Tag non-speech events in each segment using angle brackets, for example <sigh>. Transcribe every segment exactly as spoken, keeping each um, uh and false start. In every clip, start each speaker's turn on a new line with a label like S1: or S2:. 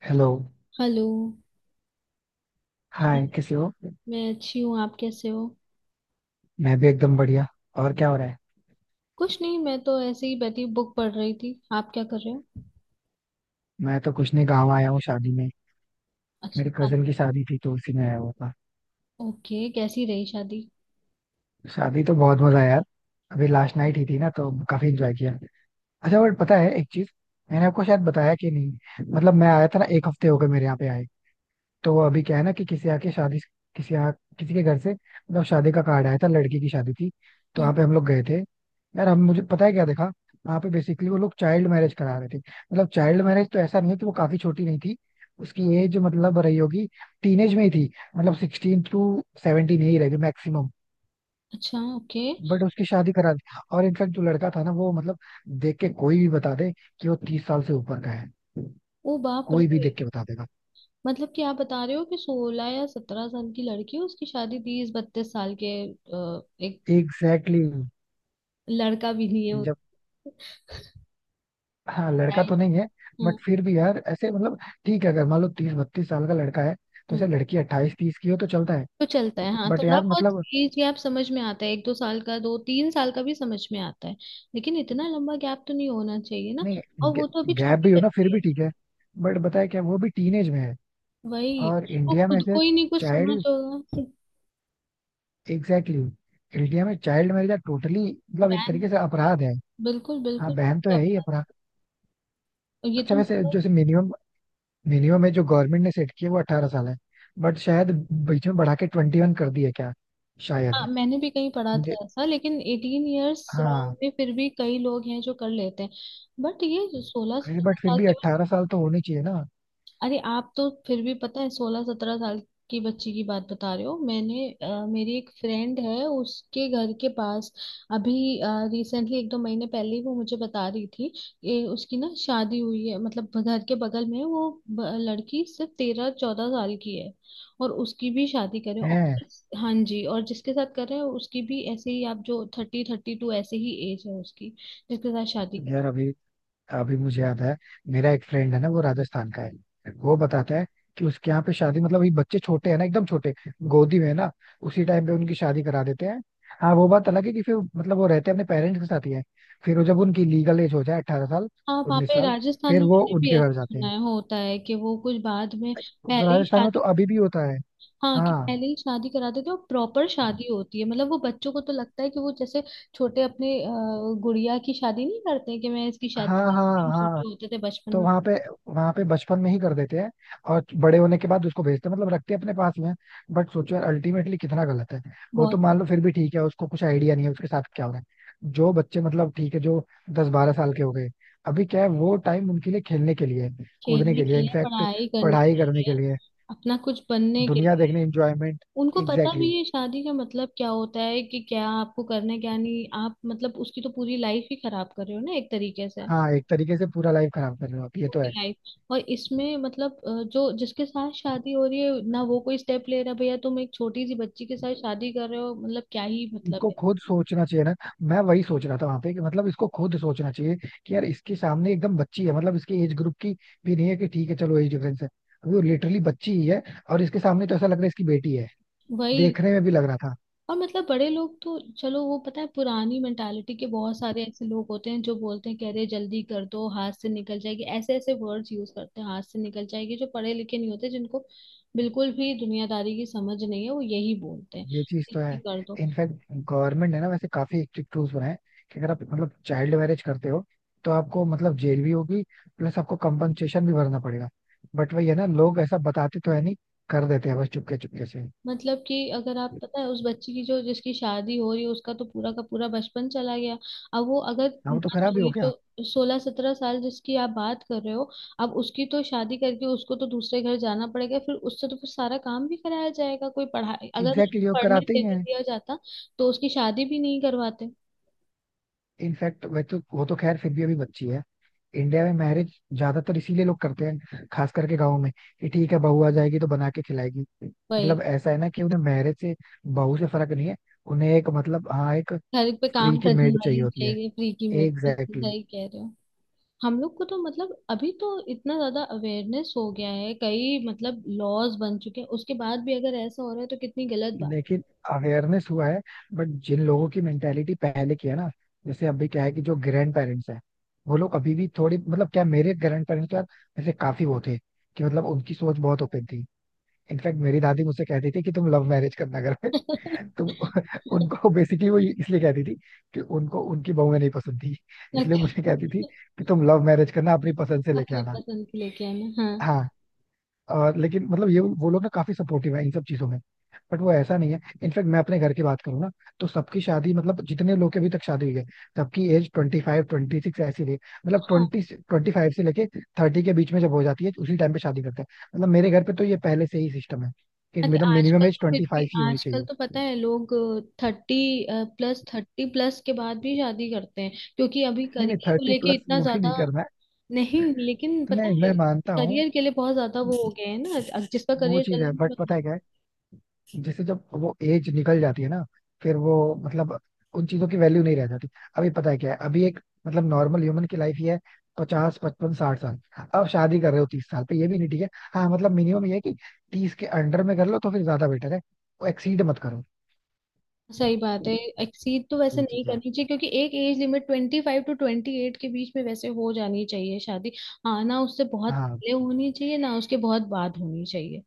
S1: Hello.
S2: Hello.
S1: Hi, कैसे हो?
S2: मैं अच्छी हूँ, आप कैसे हो।
S1: मैं भी एकदम बढ़िया. और क्या हो रहा है?
S2: कुछ नहीं, मैं तो ऐसे ही बैठी बुक पढ़ रही थी। आप क्या कर रहे हो।
S1: मैं तो कुछ नहीं, गाँव आया हूँ शादी में. मेरे
S2: अच्छा।
S1: कजन की शादी थी तो उसी में आया हुआ था.
S2: ओके, कैसी रही शादी।
S1: शादी तो बहुत मजा आया यार. अभी लास्ट नाइट ही थी ना, तो काफी एंजॉय किया. अच्छा बट पता है एक चीज? मैंने आपको शायद बताया कि नहीं? मतलब मैं आया था ना, एक हफ्ते हो गए मेरे यहाँ पे आए. तो अभी क्या है ना कि किसी आके शादी, किसी आ, किसी के घर से मतलब शादी का कार्ड आया था, लड़की की शादी थी. तो
S2: हम्म।
S1: वहाँ पे हम लोग गए थे. यार हम मुझे पता है क्या देखा? वहाँ पे बेसिकली वो लोग चाइल्ड मैरिज करा रहे थे, मतलब चाइल्ड मैरिज तो ऐसा नहीं है कि वो काफी छोटी नहीं थी. उसकी एज मतलब रही होगी, टीनेज में ही थी, मतलब सिक्सटीन टू सेवनटीन ही रहेगी मैक्सिमम.
S2: अच्छा, ओके।
S1: बट उसकी शादी करा दी. और इनफैक्ट जो लड़का था ना, वो मतलब देख के कोई भी बता दे कि वो तीस साल से ऊपर का है.
S2: ओ बाप
S1: कोई भी
S2: रे।
S1: देख के बता देगा.
S2: मतलब कि आप बता रहे हो कि सोलह या सत्रह साल की लड़की है, उसकी शादी तीस बत्तीस साल के अ, एक
S1: एग्जैक्टली exactly.
S2: लड़का भी नहीं है उसका।
S1: हाँ लड़का तो नहीं है. बट फिर भी यार ऐसे मतलब ठीक है, अगर मान लो तीस बत्तीस साल का लड़का है तो ऐसे
S2: हाँ,
S1: लड़की अट्ठाईस तीस की हो तो चलता है.
S2: तो चलता है हाँ
S1: बट
S2: थोड़ा
S1: यार
S2: बहुत।
S1: मतलब
S2: एज गैप समझ में आता है, एक दो साल का, दो तीन साल का भी समझ में आता है। लेकिन इतना लंबा गैप तो नहीं होना चाहिए ना। और
S1: नहीं,
S2: वो तो अभी
S1: गैप भी
S2: छोटी
S1: हो ना फिर
S2: बच्ची
S1: भी
S2: है।
S1: ठीक है बट बताया क्या, वो भी टीनेज में है.
S2: वही।
S1: और
S2: वो
S1: इंडिया में
S2: खुद
S1: ऐसे
S2: को ही नहीं कुछ समझ
S1: चाइल्ड.
S2: होगा।
S1: एग्जैक्टली exactly, इंडिया में चाइल्ड मैरिज टोटली मतलब एक
S2: बैन।
S1: तरीके से अपराध है.
S2: बिल्कुल
S1: हाँ
S2: बिल्कुल।
S1: बहन तो है
S2: और
S1: ही अपराध.
S2: ये
S1: अच्छा
S2: तो
S1: वैसे
S2: मतलब।
S1: जैसे मिनिमम मिनिमम है जो गवर्नमेंट ने सेट किया वो अठारह साल है. बट शायद बीच में बढ़ा के ट्वेंटी वन कर दिया क्या,
S2: हाँ
S1: शायद.
S2: मैंने भी कहीं पढ़ा
S1: मुझे
S2: था ऐसा, लेकिन एटीन इयर्स
S1: हाँ.
S2: में फिर भी कई लोग हैं जो कर लेते हैं। बट ये सोलह
S1: अरे
S2: सत्रह
S1: बट फिर
S2: साल
S1: भी
S2: की।
S1: अट्ठारह साल तो होने चाहिए ना.
S2: अरे आप तो फिर भी पता है सोलह सत्रह साल की बच्ची की बात बता रहे हो। मैंने अ, मेरी एक फ्रेंड है उसके घर के पास। अभी रिसेंटली एक दो महीने पहले ही वो मुझे बता रही थी कि उसकी ना शादी हुई है। मतलब घर के बगल में वो ब- लड़की सिर्फ तेरह चौदह साल की है। और उसकी भी शादी करे और।
S1: है.
S2: हाँ जी। और जिसके साथ कर रहे हैं उसकी भी ऐसे ही, आप जो थर्टी थर्टी टू ऐसे ही एज है उसकी, जिसके साथ शादी।
S1: यार अभी अभी मुझे याद है, मेरा एक फ्रेंड है ना, वो राजस्थान का है, वो बताता है कि उसके यहाँ पे शादी मतलब अभी बच्चे छोटे हैं ना एकदम छोटे, गोदी में है ना, उसी टाइम पे उनकी शादी करा देते हैं. हाँ वो बात अलग है कि फिर मतलब वो रहते अपने पेरेंट्स के साथ ही है. फिर वो जब उनकी लीगल एज हो जाए अट्ठारह साल
S2: हाँ वहाँ
S1: उन्नीस
S2: पे
S1: साल
S2: राजस्थान
S1: फिर
S2: में
S1: वो
S2: मैंने भी
S1: उनके
S2: ऐसा
S1: घर जाते
S2: सुना
S1: हैं.
S2: है, होता है कि वो कुछ बाद में
S1: तो
S2: पहले ही
S1: राजस्थान में तो
S2: शादी।
S1: अभी भी होता है.
S2: हाँ कि
S1: हाँ,
S2: पहले ही शादी करा देते हैं, और प्रॉपर शादी होती है। मतलब वो बच्चों को तो लगता है कि वो जैसे छोटे अपने अ, गुड़िया की शादी नहीं करते हैं कि मैं इसकी शादी
S1: हाँ, हाँ,
S2: करूंगी। हम
S1: हाँ.
S2: छोटे होते थे बचपन
S1: तो
S2: में।
S1: वहां पे वहां पे बचपन में ही कर देते हैं. और बड़े होने के बाद उसको भेजते हैं, मतलब रखते हैं अपने पास में. बट सोचो यार अल्टीमेटली कितना गलत है. वो तो
S2: बहुत।
S1: मान लो फिर भी ठीक है, उसको कुछ आइडिया नहीं है उसके साथ क्या हो रहा है, जो बच्चे मतलब ठीक है जो दस बारह साल के हो गए, अभी क्या है वो टाइम उनके लिए खेलने के लिए है, कूदने
S2: खेलने
S1: के
S2: के
S1: लिए,
S2: लिए,
S1: इनफैक्ट
S2: पढ़ाई करने
S1: पढ़ाई
S2: के
S1: करने के
S2: लिए।
S1: लिए,
S2: अपना कुछ बनने के
S1: दुनिया
S2: लिए।
S1: देखने, इंजॉयमेंट.
S2: उनको पता
S1: एग्जैक्टली
S2: भी
S1: exactly.
S2: है शादी का मतलब क्या होता है, कि क्या आपको करना है क्या नहीं। आप मतलब उसकी तो पूरी लाइफ ही खराब कर रहे हो ना एक तरीके से।
S1: हाँ एक तरीके से पूरा लाइफ खराब कर रहे हो आप, ये तो है.
S2: लाइफ। और इसमें मतलब अ, जो जिसके साथ शादी हो रही है ना, वो कोई स्टेप ले रहा है, भैया तुम एक छोटी सी बच्ची के साथ शादी कर रहे हो, मतलब क्या ही मतलब
S1: इसको
S2: है।
S1: खुद सोचना चाहिए ना. मैं वही सोच रहा था वहां पे कि मतलब इसको खुद सोचना चाहिए कि यार इसके सामने एकदम बच्ची है, मतलब इसके एज ग्रुप की भी नहीं है कि ठीक है चलो एज डिफरेंस है, वो लिटरली बच्ची ही है और इसके सामने तो ऐसा लग रहा है इसकी बेटी है.
S2: वही
S1: देखने
S2: तो।
S1: में भी लग रहा था.
S2: और मतलब बड़े लोग तो चलो, वो पता है पुरानी मेंटालिटी के बहुत सारे ऐसे लोग होते हैं जो बोलते हैं, कह रहे जल्दी कर दो, हाथ से निकल जाएगी। ऐसे ऐसे वर्ड्स यूज करते हैं, हाथ से निकल जाएगी। जो पढ़े लिखे नहीं होते, जिनको बिल्कुल भी दुनियादारी की समझ नहीं है, वो यही बोलते हैं
S1: ये चीज तो
S2: जल्दी
S1: है.
S2: कर दो।
S1: इनफैक्ट गवर्नमेंट ने ना वैसे काफी स्ट्रिक्ट रूल्स बनाए कि अगर आप मतलब चाइल्ड मैरिज करते हो तो आपको मतलब जेल भी होगी, प्लस आपको कंपनसेशन भी भरना पड़ेगा. बट वही है ना, लोग ऐसा बताते तो है नहीं, कर देते हैं बस चुपके चुपके से.
S2: मतलब कि अगर आप पता है उस बच्ची की जो जिसकी शादी हो रही है, उसका तो पूरा का पूरा बचपन चला गया। अब वो अगर
S1: हाँ वो तो
S2: मान
S1: खराब
S2: लो
S1: ही हो
S2: ये
S1: गया.
S2: जो सोलह सत्रह साल जिसकी आप बात कर रहे हो, अब उसकी तो शादी करके उसको तो दूसरे घर जाना पड़ेगा। फिर उससे तो फिर सारा काम भी कराया जाएगा। कोई पढ़ाई
S1: एग्जैक्टली
S2: अगर उसको
S1: exactly, वो
S2: पढ़ने
S1: कराते ही
S2: देने
S1: हैं.
S2: दिया जाता तो उसकी शादी भी नहीं करवाते।
S1: इनफैक्ट वह तो वो तो खैर फिर भी अभी बच्ची है. इंडिया में मैरिज ज्यादातर इसीलिए लोग करते हैं, खास करके गाँव में, कि ठीक है बहू आ जाएगी तो बना के खिलाएगी,
S2: वही।
S1: मतलब ऐसा है ना कि उन्हें मैरिज से बहू से फर्क नहीं है, उन्हें एक मतलब हाँ एक
S2: घर पे
S1: फ्री
S2: काम
S1: की
S2: करने <laughs>
S1: मेड चाहिए
S2: वाली
S1: होती है.
S2: चाहिए फ्री की। मेरे बिल्कुल
S1: एग्जैक्टली exactly.
S2: सही कह रहे हो। हम लोग को तो मतलब अभी तो इतना ज्यादा अवेयरनेस हो गया है, कई मतलब लॉज बन चुके हैं, उसके बाद भी अगर ऐसा हो रहा है तो कितनी गलत बात
S1: लेकिन अवेयरनेस हुआ है बट जिन लोगों की मेंटेलिटी पहले की है ना, जैसे अभी क्या है कि जो ग्रैंड पेरेंट्स हैं वो लोग अभी भी थोड़ी मतलब क्या, मेरे ग्रैंड पेरेंट्स यार, वैसे काफी वो थे कि मतलब उनकी सोच बहुत ओपन थी. इनफैक्ट मेरी दादी मुझसे कहती थी कि तुम लव मैरिज करना घर में.
S2: है।
S1: <laughs> तुम,
S2: <laughs>
S1: उनको बेसिकली वो इसलिए कहती थी कि उनको उनकी बहुएं नहीं पसंद थी, इसलिए
S2: अच्छा,
S1: मुझे कहती थी कि तुम लव मैरिज करना, अपनी पसंद से लेके
S2: अपनी
S1: आना.
S2: पसंद की लेके आना, हाँ।
S1: हाँ. और लेकिन मतलब ये वो लोग ना काफी सपोर्टिव है इन सब चीजों में. बट वो ऐसा नहीं है, इनफैक्ट मैं अपने घर की बात करूँ ना, तो सबकी शादी मतलब जितने लोग की अभी तक शादी हुई है सबकी age twenty five twenty six ऐसी रही. मतलब
S2: हाँ,
S1: ट्वेंटी ट्वेंटी फाइव से लेके थर्टी के बीच में जब हो जाती है उसी टाइम पे शादी करते हैं. मतलब मेरे घर पे तो ये पहले से ही सिस्टम है कि
S2: ताकि
S1: मतलब मिनिमम
S2: आजकल
S1: एज
S2: तो फिर
S1: ट्वेंटी
S2: भी।
S1: फाइव ही होनी
S2: आजकल
S1: चाहिए.
S2: तो पता है लोग थर्टी प्लस, थर्टी प्लस के बाद भी शादी करते हैं क्योंकि अभी
S1: नहीं, नहीं,
S2: करियर को
S1: थर्टी
S2: लेके
S1: प्लस
S2: इतना
S1: वो भी नहीं
S2: ज्यादा।
S1: करना है.
S2: नहीं। लेकिन पता
S1: नहीं
S2: है
S1: मैं मानता हूँ.
S2: करियर के लिए बहुत ज्यादा वो हो गए हैं ना, जिसका
S1: वो
S2: करियर
S1: चीज
S2: चल
S1: है बट
S2: रहा
S1: पता
S2: है।
S1: है क्या, जैसे जब वो एज निकल जाती है ना फिर वो मतलब उन चीजों की वैल्यू नहीं रह जाती. अभी पता है क्या है, अभी एक मतलब नॉर्मल ह्यूमन की लाइफ ही है पचास पचपन साठ साल. अब शादी कर रहे हो तीस साल पे, ये भी नहीं ठीक है. हाँ मतलब मिनिमम ये है कि तीस के अंडर में कर लो तो फिर ज्यादा बेटर है, वो एक्सीड मत करो.
S2: सही बात है। एक्सीड तो वैसे
S1: ये
S2: नहीं
S1: चीज है.
S2: करनी चाहिए, क्योंकि एक age limit twenty five to twenty eight के बीच में वैसे हो जानी चाहिए शादी। हाँ, ना उससे बहुत
S1: हाँ,
S2: पहले होनी चाहिए, ना उसके बहुत बाद होनी चाहिए।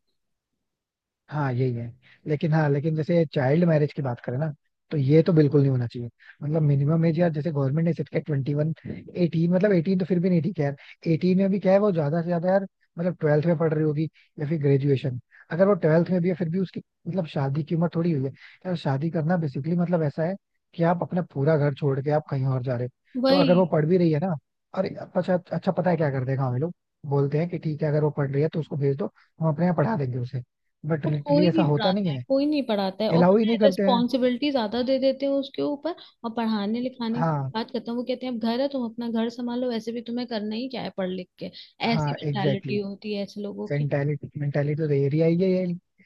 S1: हाँ यही है. लेकिन हाँ लेकिन जैसे चाइल्ड मैरिज की बात करें ना तो ये तो बिल्कुल नहीं होना चाहिए. मतलब मिनिमम एज यार जैसे गवर्नमेंट ने सेट किया ट्वेंटी वन एटीन, मतलब एटीन तो फिर भी नहीं ठीक है यार. एटीन में भी क्या है वो ज्यादा से ज्यादा यार मतलब ट्वेल्थ में पढ़ रही होगी या फिर ग्रेजुएशन. अगर वो ट्वेल्थ में भी है फिर भी उसकी मतलब शादी की उम्र थोड़ी हुई है. यार शादी करना बेसिकली मतलब ऐसा है कि आप अपना पूरा घर छोड़ के आप कहीं और जा रहे हो. तो
S2: वही।
S1: अगर वो पढ़ भी रही है ना और अच्छा अच्छा पता है क्या कर देगा, हमें लोग बोलते हैं कि ठीक है अगर वो पढ़ रही है तो उसको भेज दो, हम अपने यहाँ पढ़ा देंगे उसे. बट
S2: बट
S1: लिटरली
S2: कोई
S1: ऐसा
S2: नहीं
S1: होता
S2: पढ़ाता
S1: नहीं
S2: है,
S1: है,
S2: कोई नहीं पढ़ाता है, और
S1: अलाउ ही
S2: पता है
S1: नहीं करते हैं.
S2: रिस्पॉन्सिबिलिटी ज्यादा दे देते हैं उसके ऊपर। और पढ़ाने लिखाने की
S1: हाँ,
S2: बात करता हूँ, वो कहते हैं अब घर है, तुम अपना घर संभालो, वैसे भी तुम्हें करना ही क्या है पढ़ लिख के।
S1: हाँ
S2: ऐसी
S1: एग्जैक्टली.
S2: मेंटालिटी होती है ऐसे लोगों की।
S1: मेंटालिटी मेंटालिटी तो ये रिया ये ये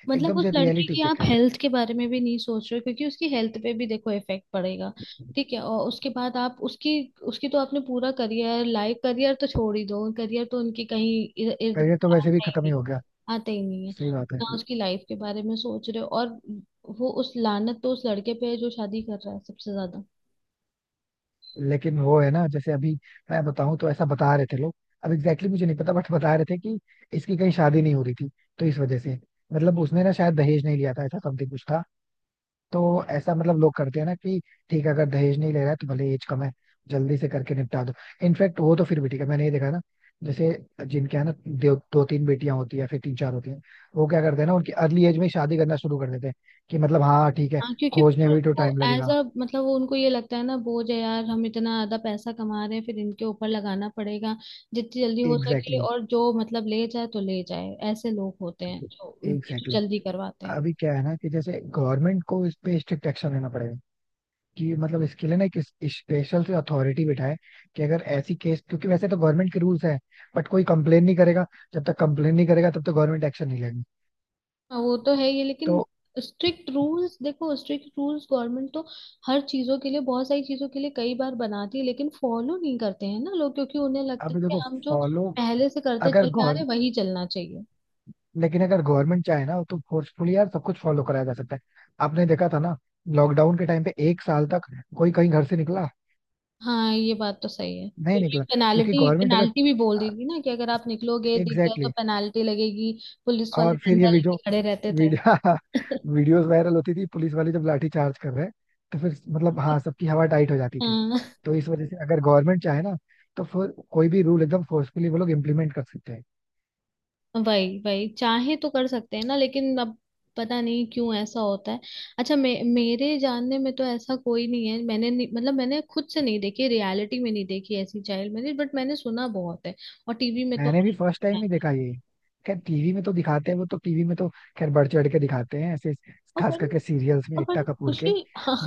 S2: मतलब
S1: एकदम
S2: उस
S1: से
S2: लड़की
S1: रियलिटी
S2: की आप
S1: चेक है.
S2: हेल्थ के बारे में भी नहीं सोच रहे हो, क्योंकि उसकी हेल्थ पे भी देखो इफेक्ट पड़ेगा। ठीक है, और उसके बाद आप उसकी, उसकी तो आपने पूरा करियर लाइफ, करियर तो छोड़ ही दो, करियर तो उनकी कहीं इर- इर्द
S1: करियर तो
S2: गिर्द
S1: वैसे भी
S2: आता ही
S1: खत्म ही
S2: नहीं,
S1: हो गया.
S2: आता ही नहीं है
S1: सही बात है.
S2: ना। उसकी लाइफ के बारे में सोच रहे हो, और वो उस लानत तो उस लड़के पे है जो शादी कर रहा है सबसे ज्यादा।
S1: लेकिन वो है ना, जैसे अभी मैं बताऊं तो ऐसा बता रहे थे लोग, अब एग्जैक्टली मुझे नहीं पता बट बता रहे थे कि इसकी कहीं शादी नहीं हो रही थी तो इस वजह से मतलब उसने ना शायद दहेज नहीं लिया था, ऐसा समथिंग कुछ था. तो ऐसा मतलब लोग करते हैं ना कि ठीक है अगर दहेज नहीं ले रहा है तो भले एज कम है, जल्दी से करके निपटा दो. इनफैक्ट वो तो फिर भी ठीक है, मैंने ये देखा ना, जैसे जिनके यहाँ ना दो, दो तीन बेटियां होती है या फिर तीन चार होती हैं, वो क्या करते हैं ना उनकी अर्ली एज में ही शादी करना शुरू कर देते हैं कि मतलब हाँ ठीक है,
S2: हाँ क्योंकि
S1: खोजने
S2: फिर
S1: में भी तो
S2: वो
S1: टाइम
S2: एज
S1: लगेगा.
S2: अ मतलब वो उनको ये लगता है ना बोझ है यार, हम इतना ज्यादा पैसा कमा रहे हैं, फिर इनके ऊपर लगाना पड़ेगा। जितनी जल्दी हो
S1: एग्जैक्टली
S2: सके,
S1: exactly.
S2: और जो मतलब ले जाए तो ले जाए। ऐसे लोग होते हैं जो ये जो
S1: एग्जैक्टली
S2: जल्दी करवाते
S1: exactly.
S2: हैं।
S1: अभी क्या है ना कि जैसे गवर्नमेंट को इस पे स्ट्रिक्ट एक्शन लेना पड़ेगा कि मतलब इसके लिए ना एक स्पेशल से अथॉरिटी बिठाए कि अगर ऐसी केस, क्योंकि वैसे तो गवर्नमेंट के रूल्स हैं बट कोई कंप्लेन नहीं करेगा, जब तक कंप्लेन नहीं करेगा तब तक गवर्नमेंट एक्शन नहीं लेगी.
S2: हाँ वो तो है ये लेकिन।
S1: तो
S2: स्ट्रिक्ट रूल्स देखो, स्ट्रिक्ट रूल्स गवर्नमेंट तो हर चीजों के लिए, बहुत सारी चीजों के लिए कई बार बनाती है, लेकिन फॉलो नहीं करते हैं ना लोग, क्योंकि उन्हें लगता है
S1: अभी देखो
S2: कि हम जो
S1: फॉलो
S2: पहले से करते
S1: अगर
S2: चले आ
S1: गौर
S2: रहे वही चलना चाहिए।
S1: लेकिन अगर गवर्नमेंट चाहे ना तो फोर्सफुली यार सब कुछ फॉलो कराया जा सकता है. आपने देखा था ना लॉकडाउन के टाइम पे, एक साल तक कोई कहीं घर से निकला,
S2: हाँ ये बात तो सही है,
S1: नहीं निकला,
S2: क्योंकि <laughs>
S1: क्योंकि
S2: पेनाल्टी,
S1: गवर्नमेंट अगर
S2: पेनाल्टी भी बोल दी थी ना कि अगर आप निकलोगे, दिख गए तो
S1: एग्जैक्टली.
S2: पेनाल्टी लगेगी। पुलिस वाले
S1: और फिर ये
S2: डंडा
S1: वीडियो
S2: लेके खड़े रहते थे।
S1: वीडियो
S2: <laughs>
S1: <laughs> वीडियोस वायरल होती थी, पुलिस वाले जब लाठी चार्ज कर रहे हैं. तो फिर मतलब हाँ सबकी हवा टाइट हो जाती थी.
S2: हाँ।
S1: तो इस वजह से अगर गवर्नमेंट चाहे ना तो फिर कोई भी रूल एकदम फोर्सफुली वो लोग इम्प्लीमेंट कर सकते हैं.
S2: वही वही चाहे तो कर सकते हैं ना, लेकिन अब पता नहीं क्यों ऐसा होता है। अच्छा मे, मेरे जानने में तो ऐसा कोई नहीं है। मैंने नहीं, मतलब मैंने खुद से नहीं देखी, रियलिटी में नहीं देखी ऐसी चाइल्ड मैरिज, बट मैंने सुना बहुत है। और टीवी में तो
S1: मैंने भी फर्स्ट टाइम
S2: है।
S1: ही देखा ये. खैर टीवी में तो दिखाते हैं, वो तो टीवी में तो खैर बढ़ चढ़ के दिखाते हैं ऐसे,
S2: और
S1: खास
S2: बड़ी।
S1: करके सीरियल्स में
S2: और
S1: एकता
S2: बड़ी
S1: कपूर
S2: खुशी।
S1: के.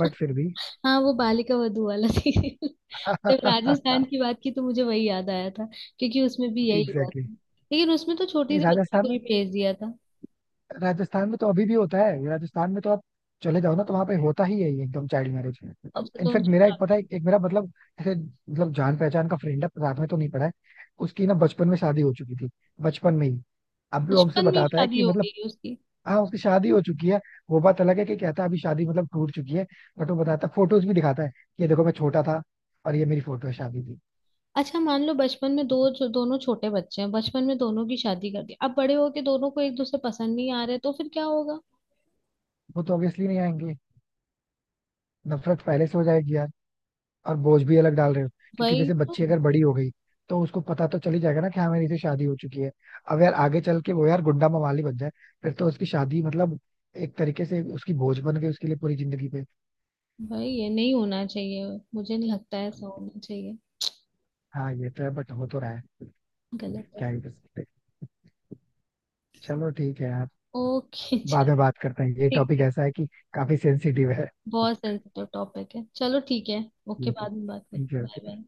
S1: बट फिर भी
S2: हाँ वो बालिका वधू वाला सीरियल, <laughs> जब
S1: <laughs>
S2: राजस्थान
S1: एग्जैक्टली
S2: की बात की तो मुझे वही याद आया था। क्योंकि उसमें भी यही हुआ था।
S1: exactly.
S2: लेकिन उसमें तो छोटी
S1: नहीं
S2: सी बच्ची
S1: राजस्थान
S2: को
S1: में,
S2: ही भेज दिया था।
S1: राजस्थान में तो अभी भी होता है, राजस्थान में तो आप चले जाओ ना तो वहां पे होता ही है ये एकदम चाइल्ड मैरिज. अब
S2: अच्छा तो
S1: इनफेक्ट
S2: उनकी
S1: मेरा एक पता है एक मेरा मतलब ऐसे मतलब जान पहचान का फ्रेंड है, साथ में तो नहीं पड़ा है. उसकी ना बचपन में शादी हो चुकी थी, बचपन में ही. अब भी वो हमसे
S2: बचपन में ही
S1: बताता है
S2: शादी
S1: कि
S2: हो
S1: मतलब
S2: गई उसकी।
S1: हाँ उसकी शादी हो चुकी है. वो बात अलग है कि कहता है अभी शादी मतलब टूट चुकी है. बट वो बताता है, फोटोज भी दिखाता है कि ये देखो मैं छोटा था और ये मेरी फोटो है शादी की.
S2: अच्छा मान लो बचपन में दो जो दोनों छोटे बच्चे हैं, बचपन में दोनों की शादी कर दी, अब बड़े होके दोनों को एक दूसरे पसंद नहीं आ रहे, तो फिर क्या होगा।
S1: वो तो ऑब्वियसली नहीं आएंगे, नफरत पहले से हो जाएगी यार और बोझ भी अलग डाल रहे हो. क्योंकि
S2: वही
S1: जैसे
S2: तो।
S1: बच्ची अगर बड़ी हो गई तो उसको पता तो चल ही जाएगा ना कि हाँ मेरी से शादी हो चुकी है. अब यार आगे चल के वो यार गुंडा मवाली बन जाए, फिर तो उसकी शादी मतलब एक तरीके से उसकी बोझ बन गई उसके लिए पूरी जिंदगी पे.
S2: भाई ये नहीं होना चाहिए। मुझे नहीं लगता है ऐसा होना चाहिए।
S1: हाँ ये तो है बट हो तो रहा है.
S2: गलत है।
S1: क्या ही कर सकते हैं. चलो ठीक है यार,
S2: ओके <laughs> चल
S1: बाद में बात करते हैं, ये
S2: ठीक।
S1: टॉपिक
S2: ठीक।
S1: ऐसा है कि काफी सेंसिटिव है.
S2: बहुत सेंसिटिव टॉपिक है, चलो ठीक है। ओके,
S1: ये तो
S2: बाद में बात
S1: ठीक है
S2: करते हैं, बाय
S1: okay, bye.
S2: बाय।